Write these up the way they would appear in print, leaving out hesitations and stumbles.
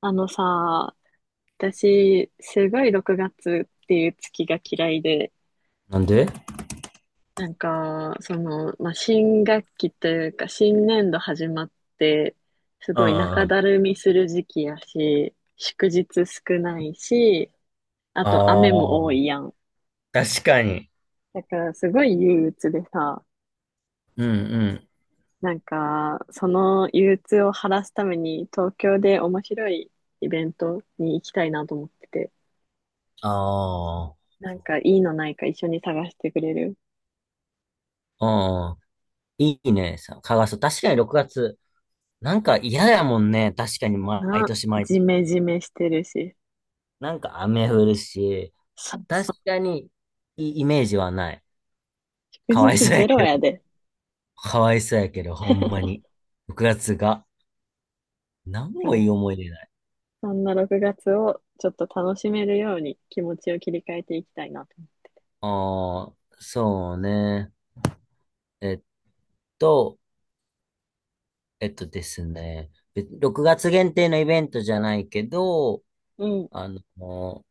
あのさ、私、すごい6月っていう月が嫌いで、なんで？なんか、その、まあ、新学期というか、新年度始まって、すうんごいうんう中ん。だるみする時期やし、祝日少ないし、ああと雨も多あ、いやん。確かに。だからすごい憂鬱でさ、うんうん。なんか、その憂鬱を晴らすために東京で面白いイベントに行きたいなと思ってて、あなんかいいのないか一緒に探してくれる？あ、うん。いいね。さ蚊がそう。確かに6月。なんか嫌やもんね。確かに毎な、年毎ジ年。メジメしてるし。なんか雨降るし。そう確そう。かにいいイメージはない。祝かわい日そうゼやロけど。やで。かわいそうやけど、ほんまに。6月がつが。なんだかもら、いい思い出ない。そんな6月をちょっと楽しめるように気持ちを切り替えていきたいなと。ああ、そうね。えっと、えっとですね、6月限定のイベントじゃないけど、うん。あの、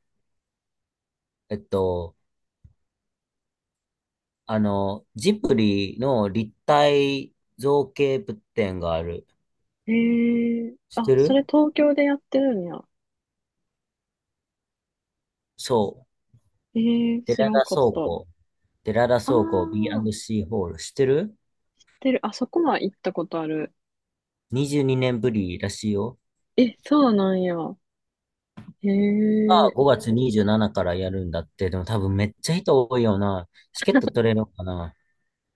えっと、ジブリの立体造形物展がある。へえ、知っあ、てそる？れ東京でやってるんや。そう。へえ、寺知らん田かっ倉た。庫。寺田あ倉庫 あ、B&C ホール。知ってる？ てる、あそこは行ったことある。22 年ぶりらしいよ。え、そうなんや。へがえ、5月27からやるんだって。でも多分めっちゃ人多いよな。チケット取れるのかな？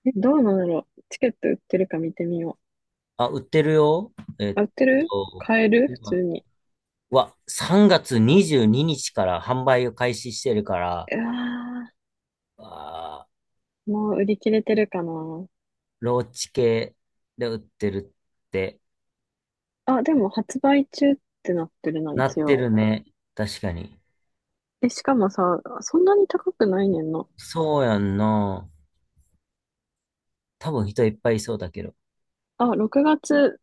え、どうなんだろう。チケット売ってるか見てみよあ、売ってるよ。えう。っあ、売ってる、と、買える普通今に。わ、3月22日から販売を開始してるから、うわあー、ー、もう売り切れてるかな。ローチ系で売ってるってあ、でも発売中ってなってるな、なっ一て応。るね。確かに。え、しかもさ、そんなに高くないねんな。そうやんな。多分人いっぱいいそうだけど。あ、6月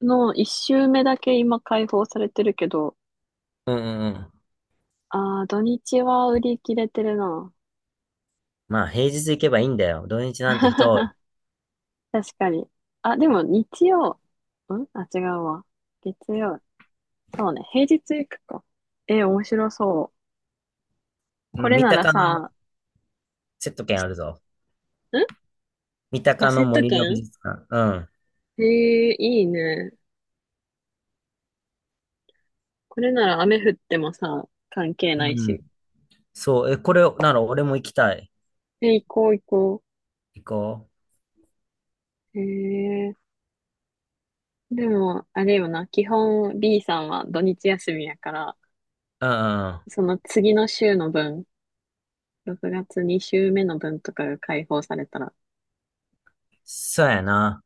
の1週目だけ今開放されてるけど、うんうんうん。あー、土日は売り切れてるな。まあ平日行けばいいんだよ。土日なんて人多い。確かに。あ、でも日曜、んあ、違うわ。月曜。そうね、平日行くか。え、面白そう。うこん。れ三なら鷹のさ、んセット券あるぞ。三あ、鷹セのット森の美券、術館。うん。えー、いいね。これなら雨降ってもさ、関係ないうん。し。そう。え、これなら俺も行きたい。え、行こう行こ行こう。へえー、でも、あれよな、基本 B さんは土日休みやから、う。うんうんうん。その次の週の分、6月2週目の分とかが解放されたら、そうやな。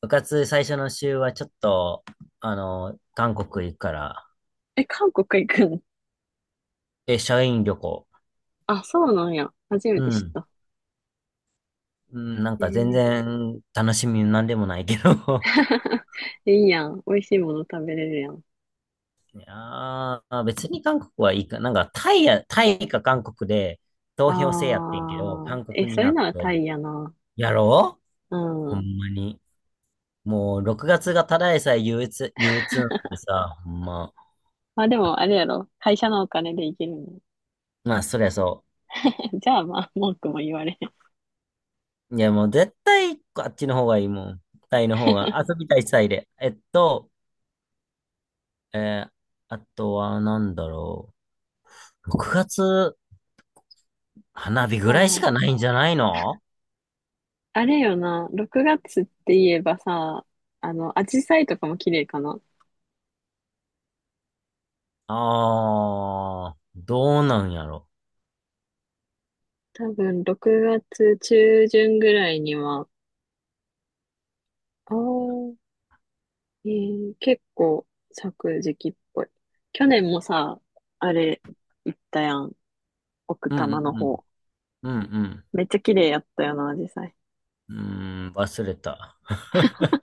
部活最初の週はちょっと、韓国行くから。え、韓国行くん？社員旅行。あ、そうなんや。初めうて知っん。た。うん、なんえか全ー 然楽しみなんでもないけど。いいやん。美味しいもの食べれるやん。いやーまあ別に韓国はいいか。なんかタイか韓国であ投票制やってんけど、ー、韓え、国にそなれっならて、タイやな。やろう、うほんん。まに。もう6月がつがただでさえ憂鬱、憂鬱なんでさ、ほんま。まあでも、あれやろ。会社のお金で行けるの。まあそりゃそ じゃあまあ、文句も言われへん。う。いやもう絶対あっちの方がいいもん。タイの方が遊びたいタイで。えーあとはなんだろう？6月、花火あぐらいしー、かないんじゃないの？あれよな、6月って言えばさ、あの、紫陽花とかも綺麗かな。ああー、どうなんやろ。多分、6月中旬ぐらいには、ああ、結構咲く時期っぽい。去年もさ、あれ、行ったやん。奥うん多う摩のん方。うん。うんめっちゃ綺麗やったよな、紫うん。うーん、忘れた。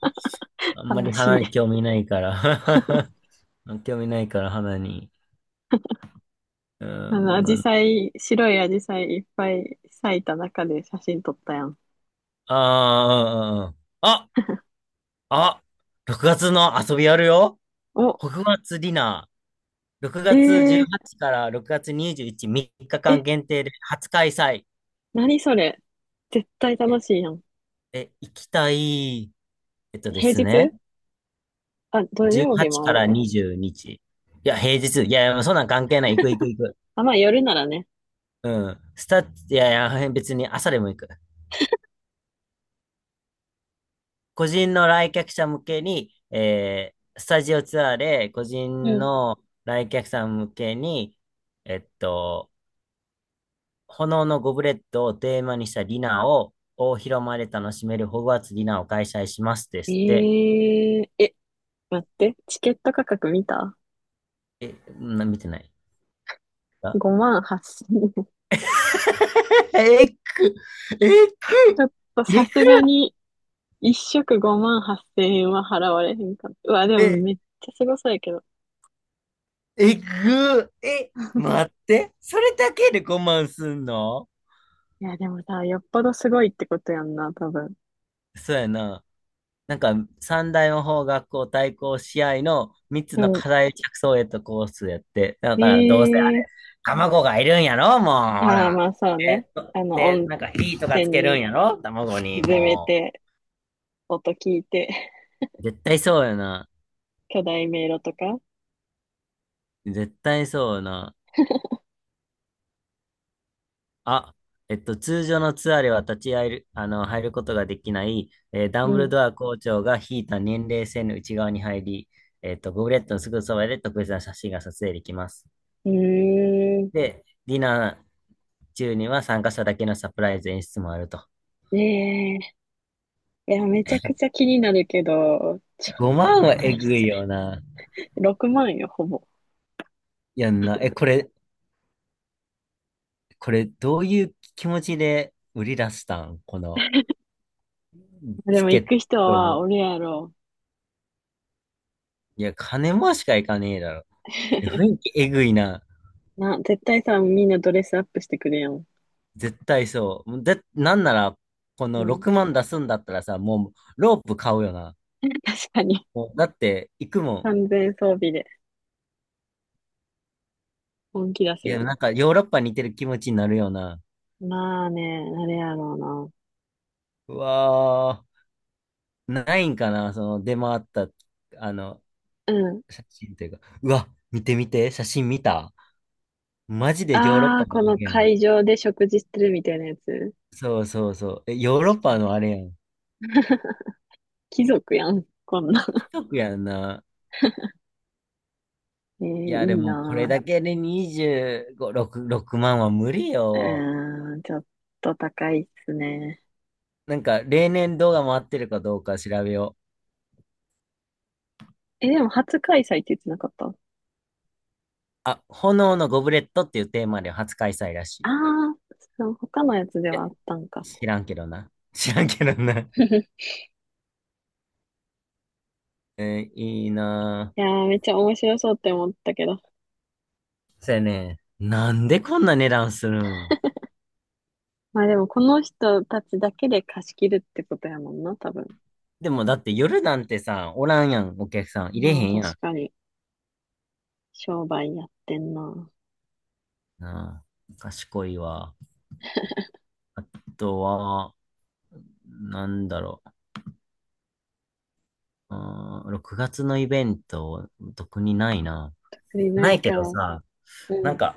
陽あん花。まり悲し花い。に 興味ないから 興味ないから花に。うーあの、ん、紫ま陽花、白い紫陽花いっぱい咲いた中で写真撮ったやん。あ、あーあ、あ、6月の遊びやるよ。お、北月ディナー。6え月ー、18から6月21、3日え、間限定で初開催。何それ。絶対楽しいやん。え、行きたい、えっとで平すね、日、あ、土曜日も18あかるら20日。か。いや、平日。いや、いやそんなん関係ない。行く行く行く。あ、まあ夜ならね。うん。いやいや、別に朝でも行く。個人の来客者向けに、スタジオツアーで、個う人ん。の来客さん向けに、えっと、炎のゴブレットをテーマにしたディナーを大広間で楽しめるホグワーツディナーを開催しますでえすって。え、え、待って、チケット価格見た？ え、見てない。あ 5 万8000円。えっく、えっちく、ょっとえさっく、すがに、一食5万8000円は払われへんかっ、うわ、でもえ、めっちゃすごそうやけど。えぐ、え、待って、それだけでごまんすんの？いや、でもさ、よっぽどすごいってことやんな、多分。そうやな。なんか、三大魔法学校対抗試合の三つうのん。課題着想へとコースやって、だからどうせあえれ、え、卵がいるんやろ、もう、ほああ、ら。まあそうね。あの、で、温なんか火とかつ泉けるんにやろ、卵に、沈めもて、音聞いて、う。絶対そうやな。巨大迷路とか。絶対そうやな。あ、通常のツアーでは立ち会える、入ることができない、ダうンブルん。ドア校長が引いた年齢線の内側に入り、ゴブレットのすぐそばで特別な写真が撮影できます。うーん。で、ディナー中には参加者だけのサプライズ演出もあると。ええ、いや、めちゃくちゃ気になるけど、ちょっと5万は高えいっぐすいね。よな。6万よ、ほぼ。やんな。え、これ、どういう気持ちで売り出したんこのでチもケ行ッく人トはを？俺やろ。いや、金もしかいかねえだろ。雰囲 気えぐいな。な、絶対さ、みんなドレスアップしてくるやん。絶対そう。もうぜ、なんなら、こうのん。6万出すんだったらさ、もうロープ買うよな。確かに。もうだって、行くもん。完全装備で本気出すいよや、なな。んかヨーロッパに似てる気持ちになるよな。まあね、あれやろうわー、ないんかな、その出回った、あの、うな。うん。写真というか。うわ、見て見て、写真見た。マジでヨーロッあパあ、のこあのれやん。会場で食事してるみたいなやつ。そうそうそう。え、ヨーロッ確かパに。のあれやん。貴族やん、こんな。貴族やんな。えー、いや、いでいもこれなだけで25、6、6万は無理ぁ。うよ。ーん、ちょっと高いっすね。なんか、例年動画回ってるかどうか調べよう。え、でも初開催って言ってなかった？あ、炎のゴブレットっていうテーマで初開催らしい。あいあ、そう、他のやつでや、はあったんか。知らんけどな。知らんけどな。いいないやー、めっちゃ面白そうって思ったけど。ぁ。そやね、なんでこんな値段するん？まあでも、この人たちだけで貸し切るってことやもんな、多分。でもだって夜なんてさ、おらんやん、お客さん。入れへまあんやん。確かに、商売やってんな。なあ、賢いわ。あとは、なんだろう？うーん、6月のイベント、特にないな。売れなないいけか。どうさ、なんん。か、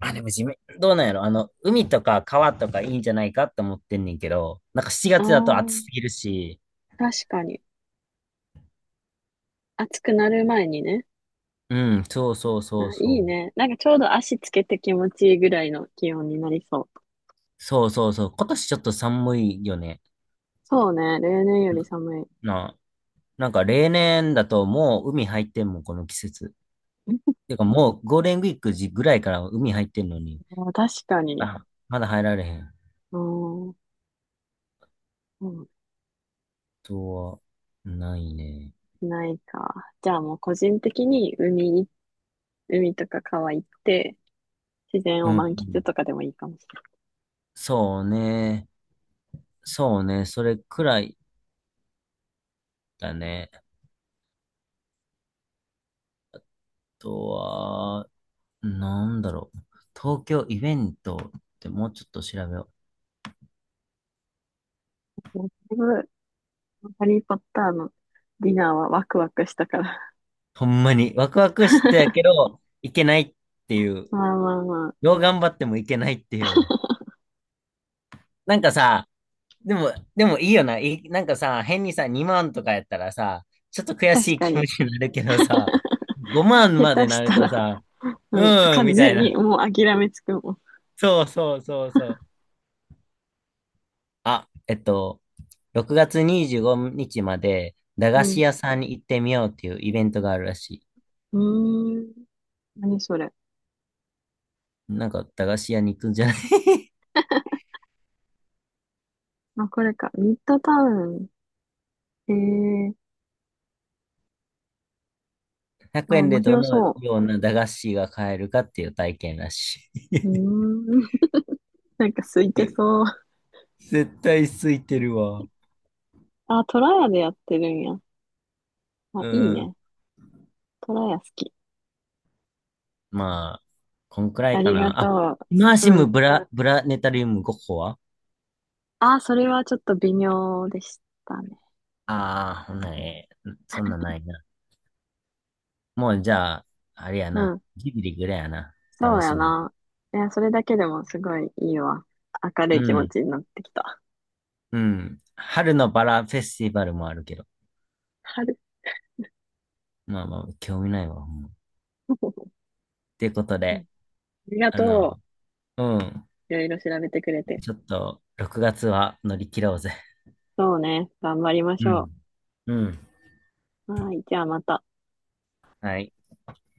あ、でも地面どうなんやろ、海とか川とかいいんじゃないかって思ってんねんけど、なんか7ああ、月だと暑すぎるし、確かに。暑くなる前にね。うん、そうそうあ、そういいそう。ね。なんかちょうど足つけて気持ちいいぐらいの気温になりそう。そうそうそう。今年ちょっと寒いよね。そうね、例年より寒い。な、なんか例年だともう海入ってんもん、この季節。てかもうゴールデンウィーク時ぐらいから海入ってんのに、あー、確かに。あ、まだ入られへん。あー、うん、とは、ないね。ないか。じゃあもう個人的に海い、海とか川行って、自然うをん。満喫とかでもいいかもしそうね。そうね。それくらいだね。あとは、なんだろう？東京イベントってもうちょっと調べよう。れない。だいぶハリー・ポッターのディナーはワクワクしたから。ほんまに、ワクワクしてやけ ど、いけないっていう。まあまあまあ。どう頑張ってもいけないっていう。なんかさ、でもいいよな。なんかさ、変にさ、2万とかやったらさ、ちょっと悔確しいか気持に。ちになるけどさ、5万下まで手しなるたとら、さ、ううん、ーん、完みたい全にな。もう諦めつくもん。そうそうそうそう。あ、6月25日まで、駄う菓子ん。屋さんに行ってみようっていうイベントがあるらしい。うーん。何それ。なんか駄菓子屋に行くんじゃない？ まあ、これか。ミッドタウン。ええー、 100 あ、円面でど白のそような駄菓子が買えるかっていう体験らしう。うい。ーん。なんか空いて そう。絶対空いてるわ。あ、トラヤでやってるんや。あ、いいうん。ね。トラヤ好き。まあ、こんくらあいかりがな。あ、とマーう。シうムん。ブラ、ブラネタリウム5個は、あ、それはちょっと微妙でしたね。ああー、ほんならええ、そんなんないな。もうじゃあ、あれやうな。ん。ジブリぐらいやな。そ楽うやしみ。な。いや、それだけでもすごいいいわ。明るうい気持ん。ちになってきた。うん。春のバラフェスティバルもあるけど。春。まあまあ、興味ないわ。ほんまっ てことうん、あで、りがあの、とうん。う。いろいろ調べてくれて。ちょっと、6月は乗り切ろうぜ。そうね。頑張りましうょん。うん。う。はい。じゃあまた。はい。